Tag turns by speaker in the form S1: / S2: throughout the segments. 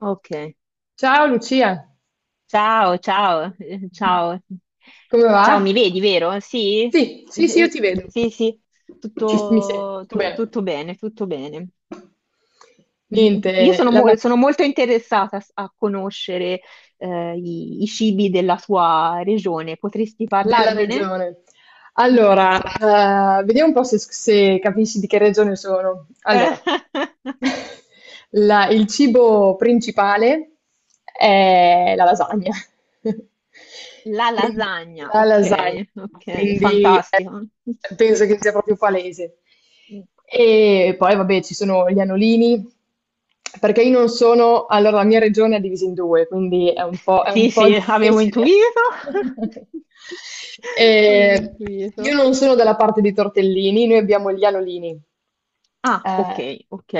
S1: Ok.
S2: Ciao Lucia,
S1: Ciao, ciao, ciao.
S2: come va?
S1: Ciao, mi vedi, vero? Sì?
S2: Sì, sì, sì, io
S1: Eh,
S2: ti vedo.
S1: Sì, sì,
S2: Mi sento
S1: tutto,
S2: tutto bene.
S1: tutto bene, tutto bene. Io
S2: Niente,
S1: sono,
S2: la
S1: sono molto interessata a conoscere i cibi della tua regione. Potresti
S2: della
S1: parlarmene?
S2: regione.
S1: Mm.
S2: Allora, vediamo un po' se, se capisci di che regione sono.
S1: Eh,
S2: Allora, il cibo principale è la lasagna.
S1: La
S2: Quindi,
S1: lasagna,
S2: la
S1: ok,
S2: lasagna.
S1: ok,
S2: Quindi
S1: fantastico.
S2: penso che sia proprio palese. E poi, vabbè, ci sono gli anolini, perché io non sono, allora la mia regione è divisa in due, quindi è un è
S1: Sì,
S2: un po'
S1: sì, avevo
S2: difficile.
S1: intuito. Avevo
S2: Eh, io
S1: intuito.
S2: non sono dalla parte dei tortellini, noi abbiamo gli anolini.
S1: Ah, ok,
S2: Eh,
S1: ok.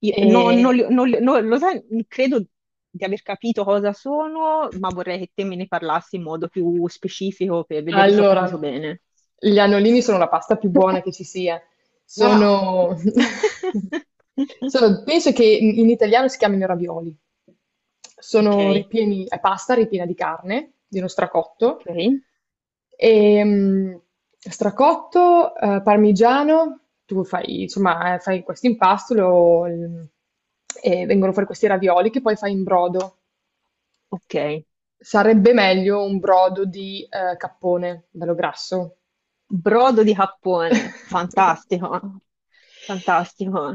S1: No, non
S2: e
S1: li- non li- no, lo sai, credo di aver capito cosa sono, ma vorrei che te me ne parlassi in modo più specifico per vedere se ho capito
S2: allora,
S1: bene.
S2: gli annolini sono la pasta più buona che ci sia.
S1: No.
S2: Sono, penso che in italiano si chiamino ravioli.
S1: Ok,
S2: Sono ripieni, è pasta ripiena di carne, di uno stracotto,
S1: ok,
S2: e, stracotto, parmigiano, tu fai, insomma, fai questo impasto e vengono fuori questi ravioli che poi fai in brodo.
S1: ok.
S2: Sarebbe meglio un brodo di cappone, bello grasso.
S1: Brodo di cappone, fantastico, fantastico.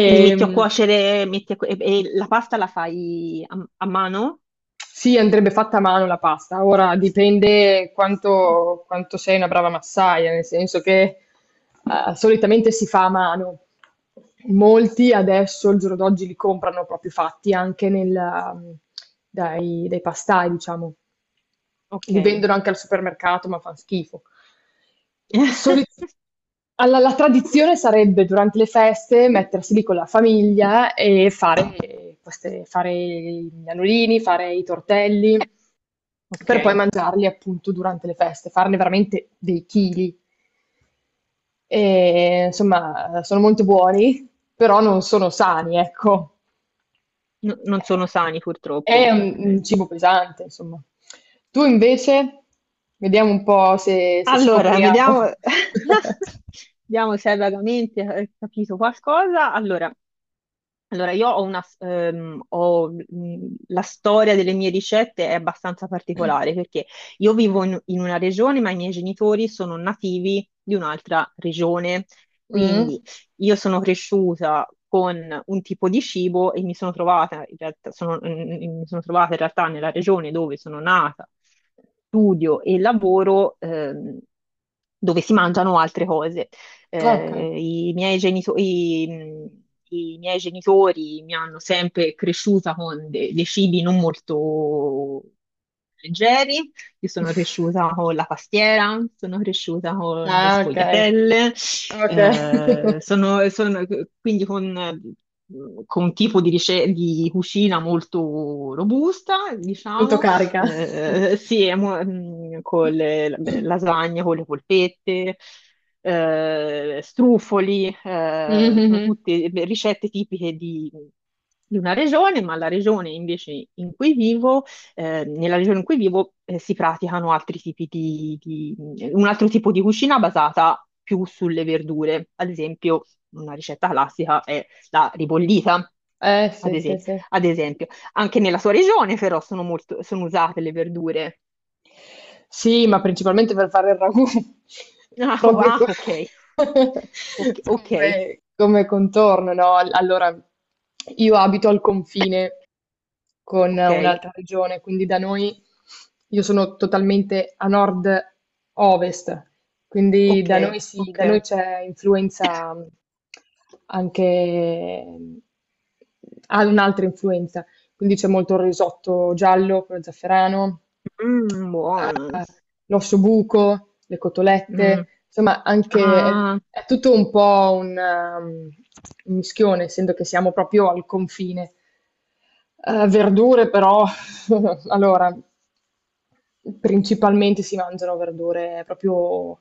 S1: Quindi metti a cuocere, e la pasta la fai a, a mano?
S2: sì, andrebbe fatta a mano la pasta. Ora dipende quanto, quanto sei una brava massaia, nel senso che solitamente si fa a mano. Molti adesso, il giorno d'oggi, li comprano proprio fatti anche nel, dai pastai, diciamo.
S1: Ok,
S2: Li vendono anche al supermercato, ma fan schifo. Soli alla la tradizione sarebbe durante le feste mettersi lì con la famiglia e fare queste fare i nanolini, fare i tortelli,
S1: ok.
S2: per poi mangiarli appunto durante le feste, farne veramente dei chili. E, insomma, sono molto buoni, però non sono sani, ecco.
S1: Non sono sani
S2: È
S1: purtroppo. Ok.
S2: un cibo pesante, insomma. Tu invece, vediamo un po' se, se
S1: Allora, vediamo,
S2: scopriamo.
S1: vediamo se hai vagamente capito qualcosa. Allora, allora, io ho una, ho, la storia delle mie ricette è abbastanza particolare perché io vivo in, in una regione, ma i miei genitori sono nativi di un'altra regione. Quindi
S2: Mm?
S1: io sono cresciuta con un tipo di cibo e mi sono trovata in realtà, mi sono trovata in realtà nella regione dove sono nata, studio e lavoro, dove si mangiano altre cose.
S2: Ok.
S1: Eh, i miei genito- i, mh, i miei genitori mi hanno sempre cresciuta con dei cibi non molto leggeri. Io sono cresciuta con la pastiera, sono cresciuta con le
S2: Ah, ok.
S1: sfogliatelle,
S2: Ok.
S1: eh, sono, sono- quindi con un tipo di, di cucina molto robusta,
S2: Molto
S1: diciamo,
S2: carica.
S1: sì, e con lasagne, con le polpette strufoli, sono
S2: Mhm.
S1: tutte ricette tipiche di una regione, ma la regione invece in cui vivo, nella regione in cui vivo, si praticano altri tipi di, un altro tipo di cucina basata più sulle verdure. Ad esempio, una ricetta classica è la ribollita.
S2: Sì,
S1: Ad
S2: sì,
S1: esempio,
S2: sì.
S1: ad esempio, anche nella sua regione però sono molto, sono usate le verdure.
S2: Sì, ma principalmente per fare il ragù.
S1: Ah,
S2: Proprio
S1: ah, ok,
S2: co-
S1: ok, ok,
S2: come, come contorno, no? Allora, io abito al confine con
S1: ok.
S2: un'altra regione, quindi da noi io sono totalmente a nord-ovest, quindi
S1: Ok,
S2: da noi sì,
S1: ok.
S2: da noi c'è influenza anche, ha un'altra influenza, quindi c'è molto il risotto giallo, quello zafferano,
S1: Mm, buono.
S2: l'ossobuco, le
S1: Mm.
S2: cotolette, insomma anche
S1: Ah,
S2: è tutto un po' un mischione, essendo che siamo proprio al confine. Verdure però allora, principalmente si mangiano verdure proprio,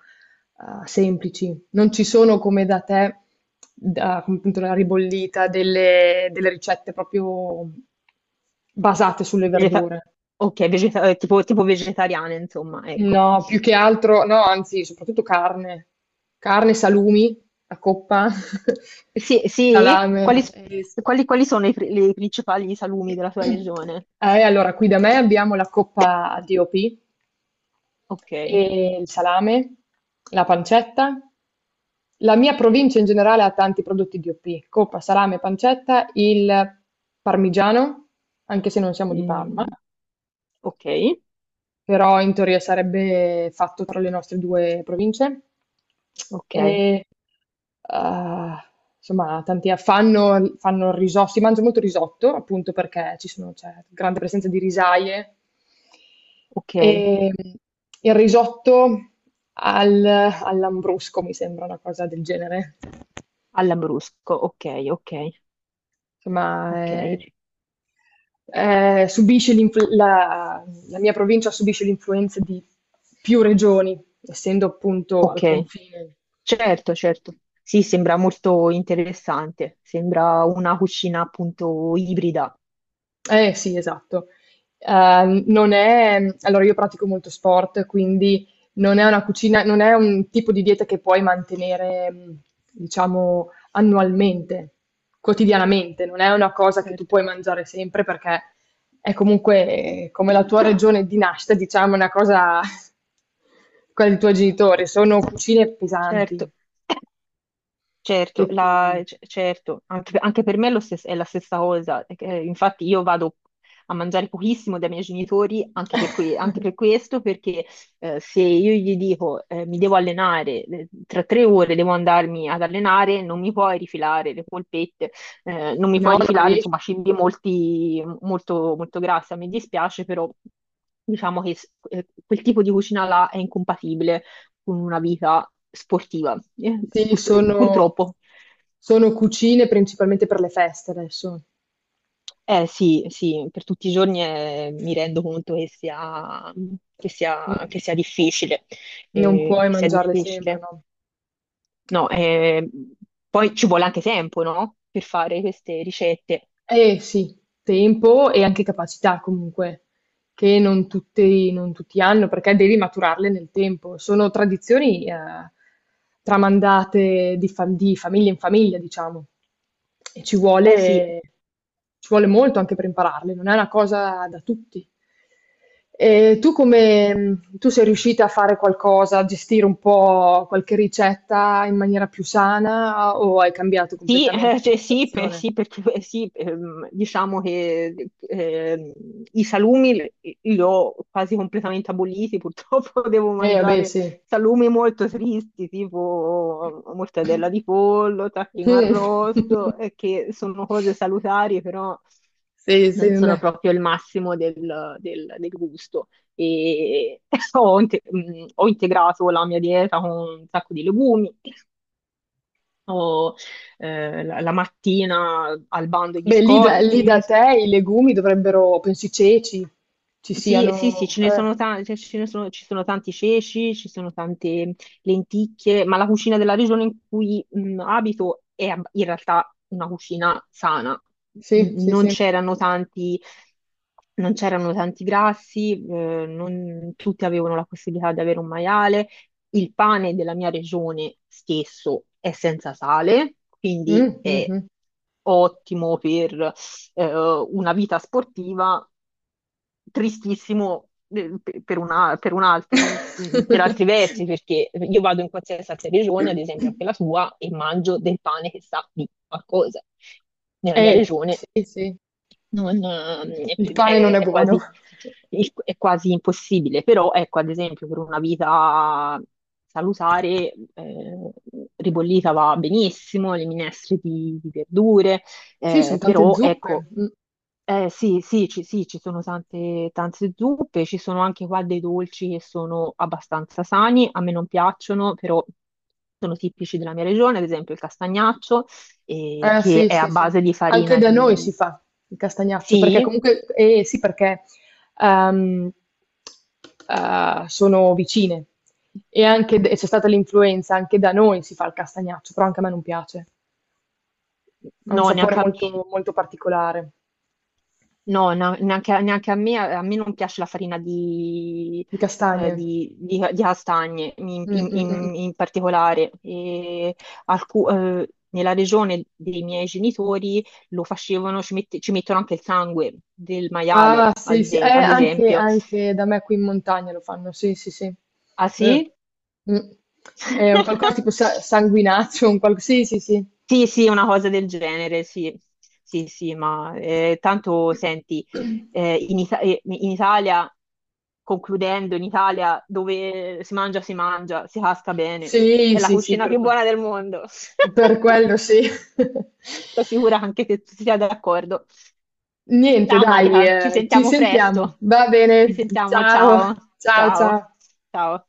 S2: semplici. Non ci sono come da te, da come appunto la ribollita, delle ricette proprio basate sulle
S1: vegeta-
S2: verdure.
S1: tipo, tipo vegetariana, insomma, ecco.
S2: No, più che altro, no, anzi, soprattutto carne, carne, salumi, a coppa,
S1: Sì, sì?
S2: salame.
S1: Quali,
S2: Ah, eh. Sì.
S1: quali sono le principali salumi della tua regione?
S2: Allora, qui da me abbiamo la coppa DOP,
S1: Ok,
S2: e il salame, la pancetta. La mia provincia in generale ha tanti prodotti DOP, coppa, salame, pancetta, il parmigiano, anche se non siamo di Parma.
S1: mm, ok,
S2: Però in teoria sarebbe fatto tra le nostre due province.
S1: ok,
S2: E, ah, insomma, tanti fanno, fanno risotto, si mangia molto risotto, appunto perché ci sono, c'è grande presenza di risaie.
S1: ok.
S2: E il risotto all'ambrusco mi sembra una cosa del genere.
S1: All'Ambrusco, ok, ok,
S2: Insomma,
S1: ok,
S2: è eh, subisce l'influ- la, la mia provincia subisce l'influenza di più regioni, essendo appunto al
S1: ok.
S2: confine.
S1: Certo, certo. Sì, sembra molto interessante. Sembra una cucina appunto ibrida.
S2: Eh sì, esatto. Non è allora io pratico molto sport, quindi non è una cucina non è un tipo di dieta che puoi mantenere, diciamo annualmente, quotidianamente, non è una cosa che tu
S1: Certo,
S2: puoi mangiare sempre perché è comunque come la tua regione di nascita, diciamo, è una cosa quella dei tuoi genitori, sono cucine pesanti
S1: certo.
S2: che
S1: Certo,
S2: ti
S1: certo, anche, anche per me è, è la stessa cosa. Infatti io vado a mangiare pochissimo dai miei genitori anche per, anche per questo, perché se io gli dico mi devo allenare, tra 3 ore devo andarmi ad allenare, non mi puoi rifilare le polpette, non mi puoi
S2: no, non
S1: rifilare,
S2: ries
S1: insomma, cibi molti, molto, molto grassi. Mi dispiace, però diciamo che quel tipo di cucina là è incompatibile con una vita sportiva, eh,
S2: sì, sono
S1: purtroppo.
S2: sono cucine principalmente per le feste adesso.
S1: Eh sì, sì, per tutti i giorni mi rendo conto che sia,
S2: Mh.
S1: che sia difficile,
S2: Non puoi
S1: che sia
S2: mangiarle sempre,
S1: difficile.
S2: no.
S1: No, poi ci vuole anche tempo, no? Per fare queste ricette.
S2: Eh sì, tempo e anche capacità comunque, che non tutti, non tutti hanno, perché devi maturarle nel tempo. Sono tradizioni tramandate di, di famiglia in famiglia, diciamo, e
S1: Eh sì,
S2: ci vuole molto anche per impararle, non è una cosa da tutti. E tu come, tu sei riuscita a fare qualcosa, a gestire un po' qualche ricetta in maniera più sana o hai cambiato
S1: sì,
S2: completamente
S1: cioè sì,
S2: l'alimentazione?
S1: sì, perché sì, diciamo che i salumi li ho quasi completamente aboliti, purtroppo devo
S2: Vabbè,
S1: mangiare
S2: sì.
S1: salumi molto tristi,
S2: Mh.
S1: tipo mortadella di pollo, tacchino arrosto, che sono cose salutari, però
S2: Sì, sì,
S1: non
S2: non
S1: sono
S2: è
S1: proprio il massimo del, del gusto. E ho, ho integrato la mia dieta con un sacco di legumi, o la, la mattina al bando i
S2: beh, lì da
S1: biscotti,
S2: te i legumi dovrebbero penso i ceci ci
S1: sì, sì, sì,
S2: siano
S1: ce ne sono tanti, ce ne sono, ci sono tanti ceci, ci sono tante lenticchie, ma la cucina della regione in cui abito in realtà una cucina sana.
S2: sì, sì,
S1: Non
S2: sì.
S1: c'erano tanti, non c'erano tanti grassi, non tutti avevano la possibilità di avere un maiale. Il pane della mia regione stesso è senza sale, quindi è
S2: Mh-mh.
S1: ottimo per una vita sportiva tristissimo per, per altri versi, perché io vado in qualsiasi altra regione, ad esempio anche la tua, e mangio del pane che sa di qualcosa. Nella mia regione
S2: Sì, sì,
S1: non,
S2: il pane non è buono.
S1: è quasi impossibile, però ecco, ad esempio per una vita salutare, ribollita va benissimo, le minestre di verdure,
S2: Sì, son tante
S1: però
S2: zuppe.
S1: ecco
S2: Mh.
S1: sì, sì, ci sono tante, tante zuppe, ci sono anche qua dei dolci che sono abbastanza sani, a me non piacciono, però sono tipici della mia regione, ad esempio il castagnaccio,
S2: Eh
S1: che
S2: sì,
S1: è a
S2: sì, sì.
S1: base di
S2: Anche
S1: farina
S2: da noi
S1: di...
S2: si fa il castagnaccio, perché
S1: Sì?
S2: comunque, eh sì, perché ehm, sono vicine e anche e c'è stata l'influenza, anche da noi si fa il castagnaccio, però anche a me non piace. Ha un
S1: No,
S2: sapore
S1: neanche a me.
S2: molto, molto particolare
S1: No, neanche a me non piace la farina di,
S2: di castagne.
S1: di castagne in,
S2: Mm, mm, mm. Mm.
S1: in particolare. E nella regione dei miei genitori lo facevano, ci, ci mettono anche il sangue del maiale,
S2: Ah, sì,
S1: ad,
S2: sì,
S1: ad
S2: anche,
S1: esempio.
S2: anche da me qui in montagna lo fanno, sì, sì, sì.
S1: Ah
S2: Eh.
S1: sì?
S2: Mm. È un qualcosa tipo sanguinaccio, un qual- sì, sì, sì.
S1: Sì, sì, una cosa del genere, sì, sì, sì, ma tanto senti, in Italia, concludendo, in Italia dove si mangia, si mangia, si casca bene,
S2: Sì,
S1: è la
S2: sì, sì,
S1: cucina più buona del mondo.
S2: per quello sì.
S1: Sono sicura anche che tu sia d'accordo.
S2: Niente
S1: Ciao
S2: dai,
S1: Marica, ci
S2: ci
S1: sentiamo
S2: sentiamo.
S1: presto.
S2: Va
S1: Ci
S2: bene,
S1: sentiamo,
S2: ciao,
S1: ciao,
S2: ciao,
S1: ciao,
S2: ciao.
S1: ciao.